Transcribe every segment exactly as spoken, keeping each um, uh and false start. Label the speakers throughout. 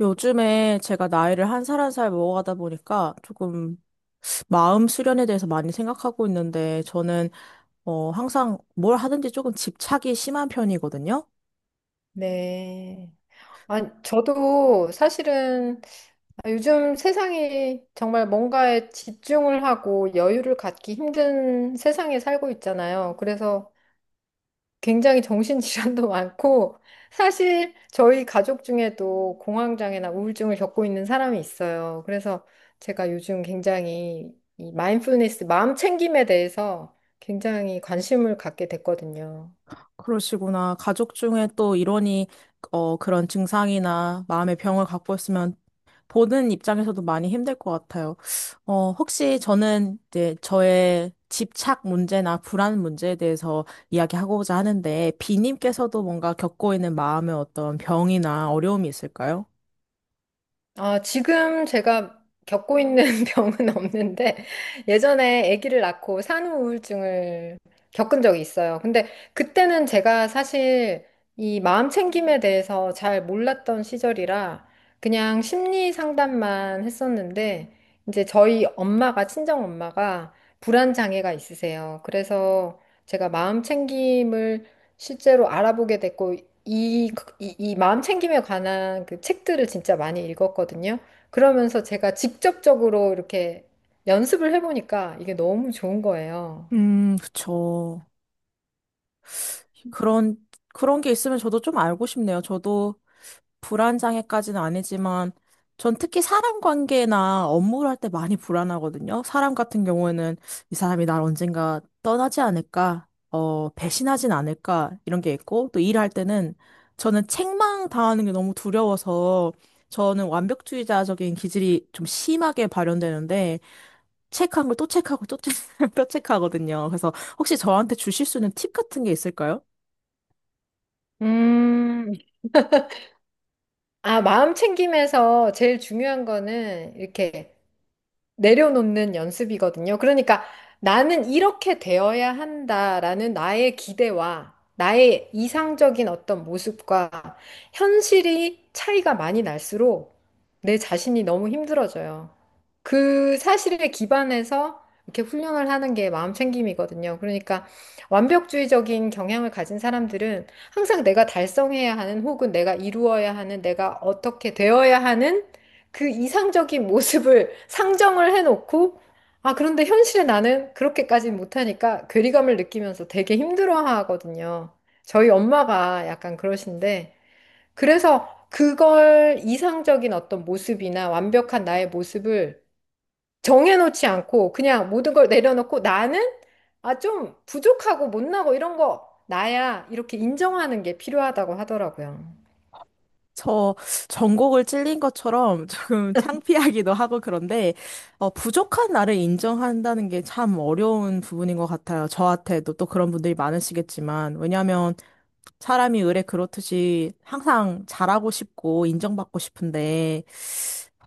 Speaker 1: 요즘에 제가 나이를 한 살 한 살 먹어가다 보니까 조금 마음 수련에 대해서 많이 생각하고 있는데 저는 어 항상 뭘 하든지 조금 집착이 심한 편이거든요.
Speaker 2: 네. 아, 저도 사실은 아, 요즘 세상이 정말 뭔가에 집중을 하고 여유를 갖기 힘든 세상에 살고 있잖아요. 그래서 굉장히 정신질환도 많고, 사실 저희 가족 중에도 공황장애나 우울증을 겪고 있는 사람이 있어요. 그래서 제가 요즘 굉장히 이 마인드풀니스, 마음 챙김에 대해서 굉장히 관심을 갖게 됐거든요.
Speaker 1: 그러시구나. 가족 중에 또 일원이 어 그런 증상이나 마음의 병을 갖고 있으면 보는 입장에서도 많이 힘들 것 같아요. 어, 혹시 저는 이제 저의 집착 문제나 불안 문제에 대해서 이야기하고자 하는데, 비님께서도 뭔가 겪고 있는 마음의 어떤 병이나 어려움이 있을까요?
Speaker 2: 아, 지금 제가 겪고 있는 병은 없는데 예전에 아기를 낳고 산후 우울증을 겪은 적이 있어요. 근데 그때는 제가 사실 이 마음 챙김에 대해서 잘 몰랐던 시절이라 그냥 심리 상담만 했었는데 이제 저희 엄마가 친정 엄마가 불안 장애가 있으세요. 그래서 제가 마음 챙김을 실제로 알아보게 됐고 이, 이, 이 마음 챙김에 관한 그 책들을 진짜 많이 읽었거든요. 그러면서 제가 직접적으로 이렇게 연습을 해보니까 이게 너무 좋은 거예요.
Speaker 1: 음, 그쵸. 그런, 그런 게 있으면 저도 좀 알고 싶네요. 저도 불안장애까지는 아니지만 전 특히 사람 관계나 업무를 할 때 많이 불안하거든요. 사람 같은 경우에는 이 사람이 날 언젠가 떠나지 않을까, 어, 배신하진 않을까 이런 게 있고 또 일할 때는 저는 책망 당하는 게 너무 두려워서 저는 완벽주의자적인 기질이 좀 심하게 발현되는데 책한 걸 또 책하고 또 책, 또 책하거든요. 그래서 혹시 저한테 주실 수 있는 팁 같은 게 있을까요?
Speaker 2: 음, 아, 마음 챙김에서 제일 중요한 거는 이렇게 내려놓는 연습이거든요. 그러니까 나는 이렇게 되어야 한다라는 나의 기대와 나의 이상적인 어떤 모습과 현실이 차이가 많이 날수록 내 자신이 너무 힘들어져요. 그 사실에 기반해서 이렇게 훈련을 하는 게 마음 챙김이거든요. 그러니까 완벽주의적인 경향을 가진 사람들은 항상 내가 달성해야 하는 혹은 내가 이루어야 하는 내가 어떻게 되어야 하는 그 이상적인 모습을 상정을 해놓고, 아, 그런데 현실에 나는 그렇게까지는 못하니까 괴리감을 느끼면서 되게 힘들어 하거든요. 저희 엄마가 약간 그러신데, 그래서 그걸 이상적인 어떤 모습이나 완벽한 나의 모습을 정해놓지 않고 그냥 모든 걸 내려놓고 나는 아, 좀 부족하고 못나고 이런 거 나야 이렇게 인정하는 게 필요하다고 하더라고요.
Speaker 1: 저 전곡을 찔린 것처럼 조금 창피하기도 하고 그런데 어, 부족한 나를 인정한다는 게 참 어려운 부분인 것 같아요. 저한테도 또 그런 분들이 많으시겠지만 왜냐하면 사람이 의례 그렇듯이 항상 잘하고 싶고 인정받고 싶은데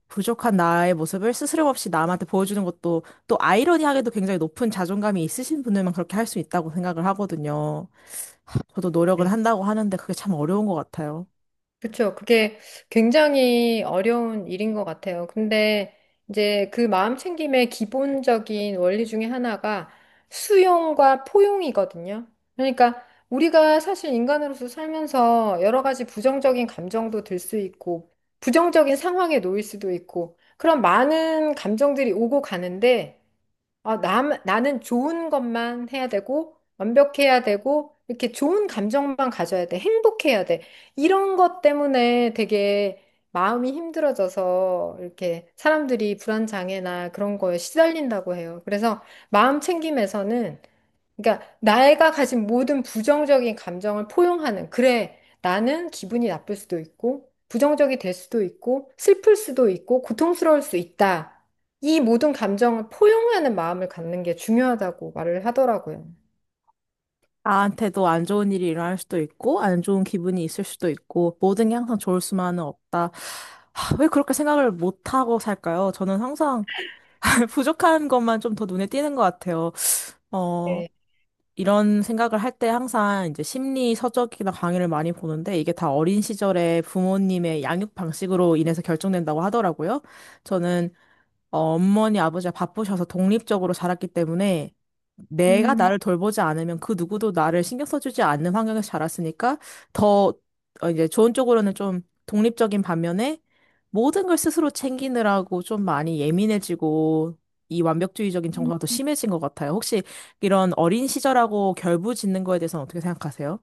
Speaker 1: 부족한 나의 모습을 스스럼없이 남한테 보여주는 것도 또 아이러니하게도 굉장히 높은 자존감이 있으신 분들만 그렇게 할 수 있다고 생각을 하거든요. 저도 노력은 한다고 하는데 그게 참 어려운 것 같아요.
Speaker 2: 그쵸. 그게 굉장히 어려운 일인 것 같아요. 근데 이제 그 마음챙김의 기본적인 원리 중에 하나가 수용과 포용이거든요. 그러니까 우리가 사실 인간으로서 살면서 여러 가지 부정적인 감정도 들 수 있고, 부정적인 상황에 놓일 수도 있고, 그런 많은 감정들이 오고 가는데, 아, 남, 나는 좋은 것만 해야 되고, 완벽해야 되고, 이렇게 좋은 감정만 가져야 돼. 행복해야 돼. 이런 것 때문에 되게 마음이 힘들어져서 이렇게 사람들이 불안장애나 그런 거에 시달린다고 해요. 그래서 마음 챙김에서는 그러니까 내가 가진 모든 부정적인 감정을 포용하는 그래 나는 기분이 나쁠 수도 있고 부정적이 될 수도 있고 슬플 수도 있고 고통스러울 수 있다. 이 모든 감정을 포용하는 마음을 갖는 게 중요하다고 말을 하더라고요.
Speaker 1: 나한테도 안 좋은 일이 일어날 수도 있고, 안 좋은 기분이 있을 수도 있고, 모든 게 항상 좋을 수만은 없다. 하, 왜 그렇게 생각을 못하고 살까요? 저는 항상 부족한 것만 좀 더 눈에 띄는 것 같아요. 어,
Speaker 2: 네.
Speaker 1: 이런 생각을 할 때 항상 이제 심리 서적이나 강의를 많이 보는데, 이게 다 어린 시절에 부모님의 양육 방식으로 인해서 결정된다고 하더라고요. 저는 어, 어머니, 아버지가 바쁘셔서 독립적으로 자랐기 때문에 내가
Speaker 2: 음,
Speaker 1: 나를 돌보지 않으면 그 누구도 나를 신경 써주지 않는 환경에서 자랐으니까 더 어, 이제 좋은 쪽으로는 좀 독립적인 반면에 모든 걸 스스로 챙기느라고 좀 많이 예민해지고 이 완벽주의적인
Speaker 2: 음.
Speaker 1: 정서가 더 심해진 것 같아요. 혹시 이런 어린 시절하고 결부짓는 거에 대해서는 어떻게 생각하세요?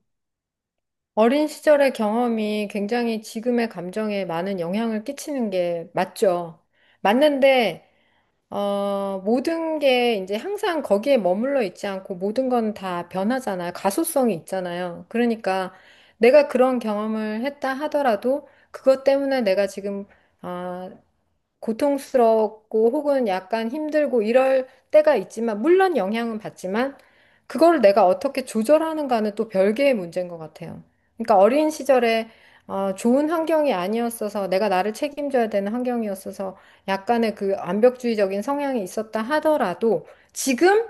Speaker 2: 어린 시절의 경험이 굉장히 지금의 감정에 많은 영향을 끼치는 게 맞죠. 맞는데 어, 모든 게 이제 항상 거기에 머물러 있지 않고 모든 건 다 변하잖아요. 가소성이 있잖아요. 그러니까 내가 그런 경험을 했다 하더라도 그것 때문에 내가 지금 어, 고통스럽고 혹은 약간 힘들고 이럴 때가 있지만, 물론 영향은 받지만, 그걸 내가 어떻게 조절하는가는 또 별개의 문제인 것 같아요. 그러니까 어린 시절에 어, 좋은 환경이 아니었어서 내가 나를 책임져야 되는 환경이었어서 약간의 그 완벽주의적인 성향이 있었다 하더라도 지금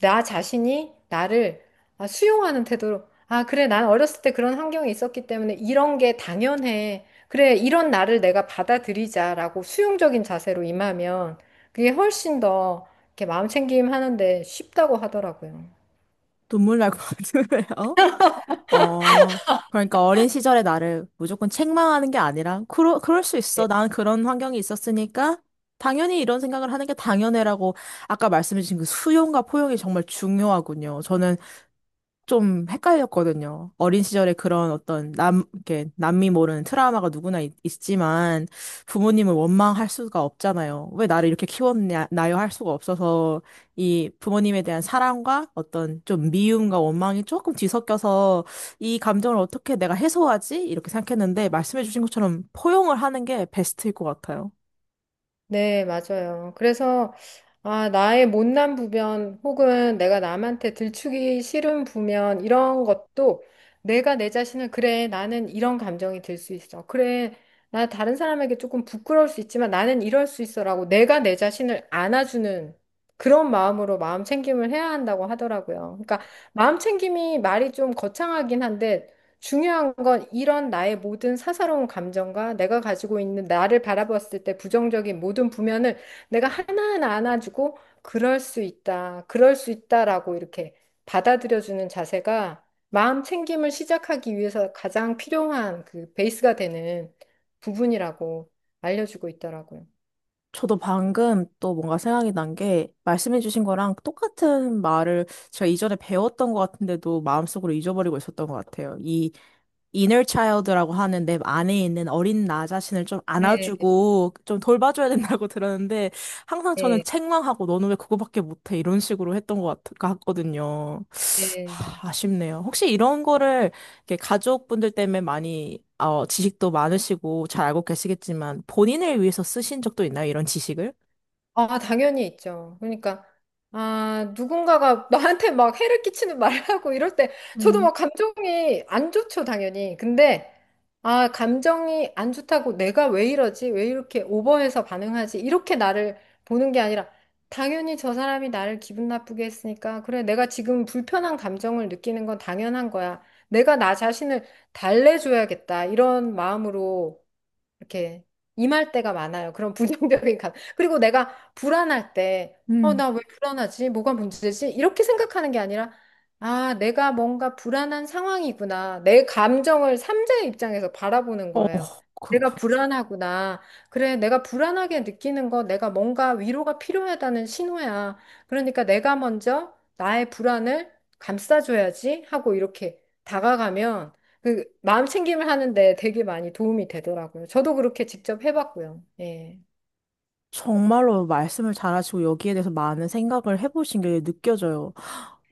Speaker 2: 나 자신이 나를 아, 수용하는 태도로 아, 그래, 난 어렸을 때 그런 환경이 있었기 때문에 이런 게 당연해. 그래, 이런 나를 내가 받아들이자라고 수용적인 자세로 임하면 그게 훨씬 더 이렇게 마음 챙김 하는데 쉽다고 하더라고요.
Speaker 1: 눈물 날 것 같은데요? 어, 그러니까 어린 시절의 나를 무조건 책망하는 게 아니라, 그러, 그럴 수 있어.
Speaker 2: 네,
Speaker 1: 난 그런 환경이 있었으니까, 당연히 이런 생각을 하는 게 당연해라고 아까 말씀해주신 그 수용과 포용이 정말 중요하군요. 저는 좀 헷갈렸거든요. 어린 시절에 그런 어떤 남, 이렇게 남미 모르는 트라우마가 누구나 있, 지만 부모님을 원망할 수가 없잖아요. 왜 나를 이렇게 키웠나요? 할 수가 없어서 이 부모님에 대한 사랑과 어떤 좀 미움과 원망이 조금 뒤섞여서 이 감정을 어떻게 내가 해소하지? 이렇게 생각했는데 말씀해주신 것처럼 포용을 하는 게 베스트일 것 같아요.
Speaker 2: 네, 맞아요. 그래서, 아, 나의 못난 부변 혹은 내가 남한테 들추기 싫은 부면 이런 것도 내가 내 자신을 그래, 나는 이런 감정이 들 수 있어. 그래, 나 다른 사람에게 조금 부끄러울 수 있지만 나는 이럴 수 있어라고 내가 내 자신을 안아주는 그런 마음으로 마음 챙김을 해야 한다고 하더라고요. 그러니까 마음 챙김이 말이 좀 거창하긴 한데 중요한 건 이런 나의 모든 사사로운 감정과 내가 가지고 있는 나를 바라봤을 때 부정적인 모든 부면을 내가 하나하나 안아주고 그럴 수 있다, 그럴 수 있다라고 이렇게 받아들여주는 자세가 마음 챙김을 시작하기 위해서 가장 필요한 그 베이스가 되는 부분이라고 알려주고 있더라고요.
Speaker 1: 저도 방금 또 뭔가 생각이 난 게 말씀해주신 거랑 똑같은 말을 제가 이전에 배웠던 것 같은데도 마음속으로 잊어버리고 있었던 것 같아요. 이 inner child라고 하는 내 안에 있는 어린 나 자신을 좀
Speaker 2: 네,
Speaker 1: 안아주고 좀 돌봐줘야 된다고 들었는데 항상 저는
Speaker 2: 네,
Speaker 1: 책망하고 너는 왜 그거밖에 못해 이런 식으로 했던 것 같, 같거든요.
Speaker 2: 네.
Speaker 1: 하, 아쉽네요. 혹시 이런 거를 이렇게 가족분들 때문에 많이 어, 지식도 많으시고 잘 알고 계시겠지만 본인을 위해서 쓰신 적도 있나요? 이런 지식을?
Speaker 2: 아, 당연히 있죠. 그러니까, 아, 누군가가 나한테 막 해를 끼치는 말을 하고 이럴 때, 저도
Speaker 1: 음,
Speaker 2: 막 감정이 안 좋죠, 당연히. 근데, 아, 감정이 안 좋다고 내가 왜 이러지? 왜 이렇게 오버해서 반응하지? 이렇게 나를 보는 게 아니라, 당연히 저 사람이 나를 기분 나쁘게 했으니까, 그래, 내가 지금 불편한 감정을 느끼는 건 당연한 거야. 내가 나 자신을 달래줘야겠다. 이런 마음으로 이렇게 임할 때가 많아요. 그런 부정적인 감. 그리고 내가 불안할 때, 어,
Speaker 1: 음.
Speaker 2: 나 왜 불안하지? 뭐가 문제지? 이렇게 생각하는 게 아니라, 아, 내가 뭔가 불안한 상황이구나. 내 감정을 삼자의 입장에서 바라보는
Speaker 1: 어,
Speaker 2: 거예요. 내가
Speaker 1: 그렇군.
Speaker 2: 불안하구나. 그래, 내가 불안하게 느끼는 거 내가 뭔가 위로가 필요하다는 신호야. 그러니까 내가 먼저 나의 불안을 감싸줘야지 하고 이렇게 다가가면 그 마음 챙김을 하는데 되게 많이 도움이 되더라고요. 저도 그렇게 직접 해봤고요. 예.
Speaker 1: 정말로 말씀을 잘하시고 여기에 대해서 많은 생각을 해보신 게 느껴져요.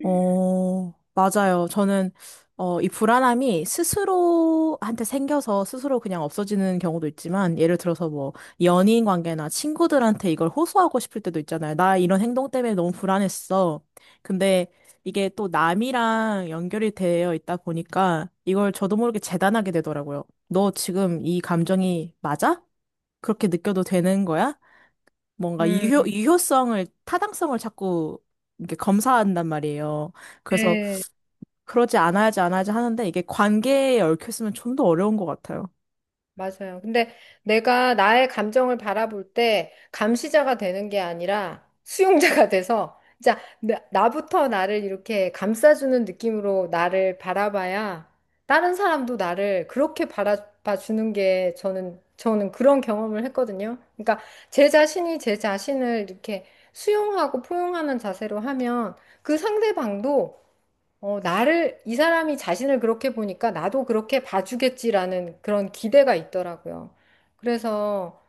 Speaker 1: 어, 맞아요. 저는, 어, 이 불안함이 스스로한테 생겨서 스스로 그냥 없어지는 경우도 있지만, 예를 들어서 뭐, 연인 관계나 친구들한테 이걸 호소하고 싶을 때도 있잖아요. 나 이런 행동 때문에 너무 불안했어. 근데 이게 또 남이랑 연결이 되어 있다 보니까, 이걸 저도 모르게 재단하게 되더라고요. 너 지금 이 감정이 맞아? 그렇게 느껴도 되는 거야? 뭔가 유효,
Speaker 2: 음.
Speaker 1: 유효성을, 타당성을 자꾸 이렇게 검사한단 말이에요. 그래서
Speaker 2: 네.
Speaker 1: 그러지 않아야지, 않아야지 하는데 이게 관계에 얽혀있으면 좀 더 어려운 것 같아요.
Speaker 2: 맞아요. 근데 내가 나의 감정을 바라볼 때 감시자가 되는 게 아니라 수용자가 돼서 진짜 나- 나부터 나를 이렇게 감싸주는 느낌으로 나를 바라봐야 다른 사람도 나를 그렇게 바라봐 주는 게 저는 저는 그런 경험을 했거든요. 그러니까 제 자신이 제 자신을 이렇게 수용하고 포용하는 자세로 하면 그 상대방도 어, 나를, 이 사람이 자신을 그렇게 보니까 나도 그렇게 봐주겠지라는 그런 기대가 있더라고요. 그래서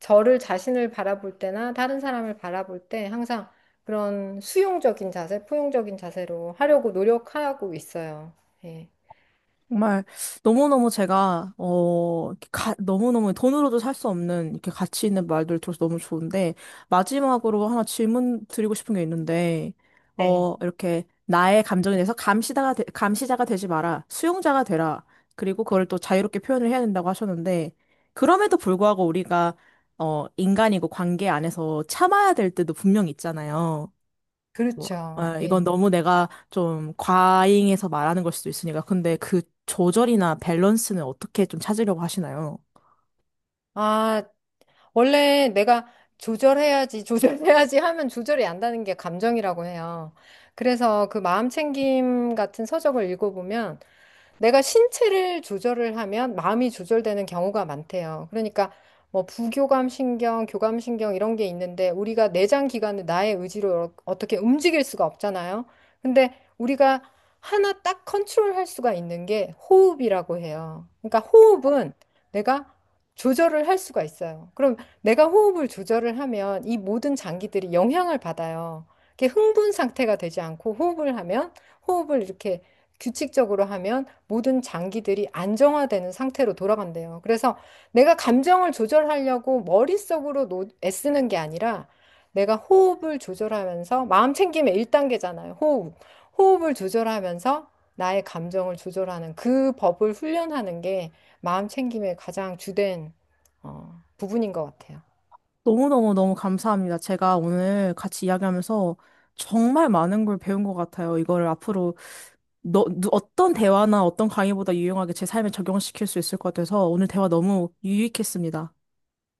Speaker 2: 저를 자신을 바라볼 때나 다른 사람을 바라볼 때 항상 그런 수용적인 자세, 포용적인 자세로 하려고 노력하고 있어요. 예.
Speaker 1: 정말 너무너무 제가 어 이렇게 가, 너무너무 돈으로도 살 수 없는 이렇게 가치 있는 말들 을 들어서 너무 좋은데 마지막으로 하나 질문 드리고 싶은 게 있는데
Speaker 2: 네.
Speaker 1: 어 이렇게 나의 감정에 대해서 감시자가 되, 감시자가 되지 마라 수용자가 되라. 그리고 그걸 또 자유롭게 표현을 해야 된다고 하셨는데 그럼에도 불구하고 우리가 어 인간이고 관계 안에서 참아야 될 때도 분명히 있잖아요. 뭐,
Speaker 2: 그렇죠.
Speaker 1: 아, 이건
Speaker 2: 예.
Speaker 1: 너무 내가 좀 과잉해서 말하는 걸 수도 있으니까. 근데 그 조절이나 밸런스는 어떻게 좀 찾으려고 하시나요?
Speaker 2: 아, 원래 내가 조절해야지, 조절해야지 하면 조절이 안 되는 게 감정이라고 해요. 그래서 그 마음챙김 같은 서적을 읽어보면 내가 신체를 조절을 하면 마음이 조절되는 경우가 많대요. 그러니까 뭐 부교감 신경, 교감 신경 이런 게 있는데 우리가 내장 기관을 나의 의지로 어, 어떻게 움직일 수가 없잖아요. 근데 우리가 하나 딱 컨트롤할 수가 있는 게 호흡이라고 해요. 그러니까 호흡은 내가 조절을 할 수가 있어요. 그럼 내가 호흡을 조절을 하면 이 모든 장기들이 영향을 받아요. 이렇게 흥분 상태가 되지 않고 호흡을 하면 호흡을 이렇게 규칙적으로 하면 모든 장기들이 안정화되는 상태로 돌아간대요. 그래서 내가 감정을 조절하려고 머릿속으로 노- 애쓰는 게 아니라 내가 호흡을 조절하면서 마음 챙김의 일 단계잖아요. 호흡. 호흡을 조절하면서 나의 감정을 조절하는 그 법을 훈련하는 게 마음 챙김의 가장 주된 어, 부분인 것 같아요.
Speaker 1: 너무너무너무 감사합니다. 제가 오늘 같이 이야기하면서 정말 많은 걸 배운 것 같아요. 이거를 앞으로 너, 누- 어떤 대화나 어떤 강의보다 유용하게 제 삶에 적용시킬 수 있을 것 같아서 오늘 대화 너무 유익했습니다.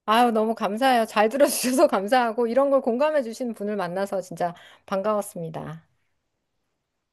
Speaker 2: 아유, 너무 감사해요. 잘 들어주셔서 감사하고 이런 걸 공감해 주시는 분을 만나서 진짜 반가웠습니다.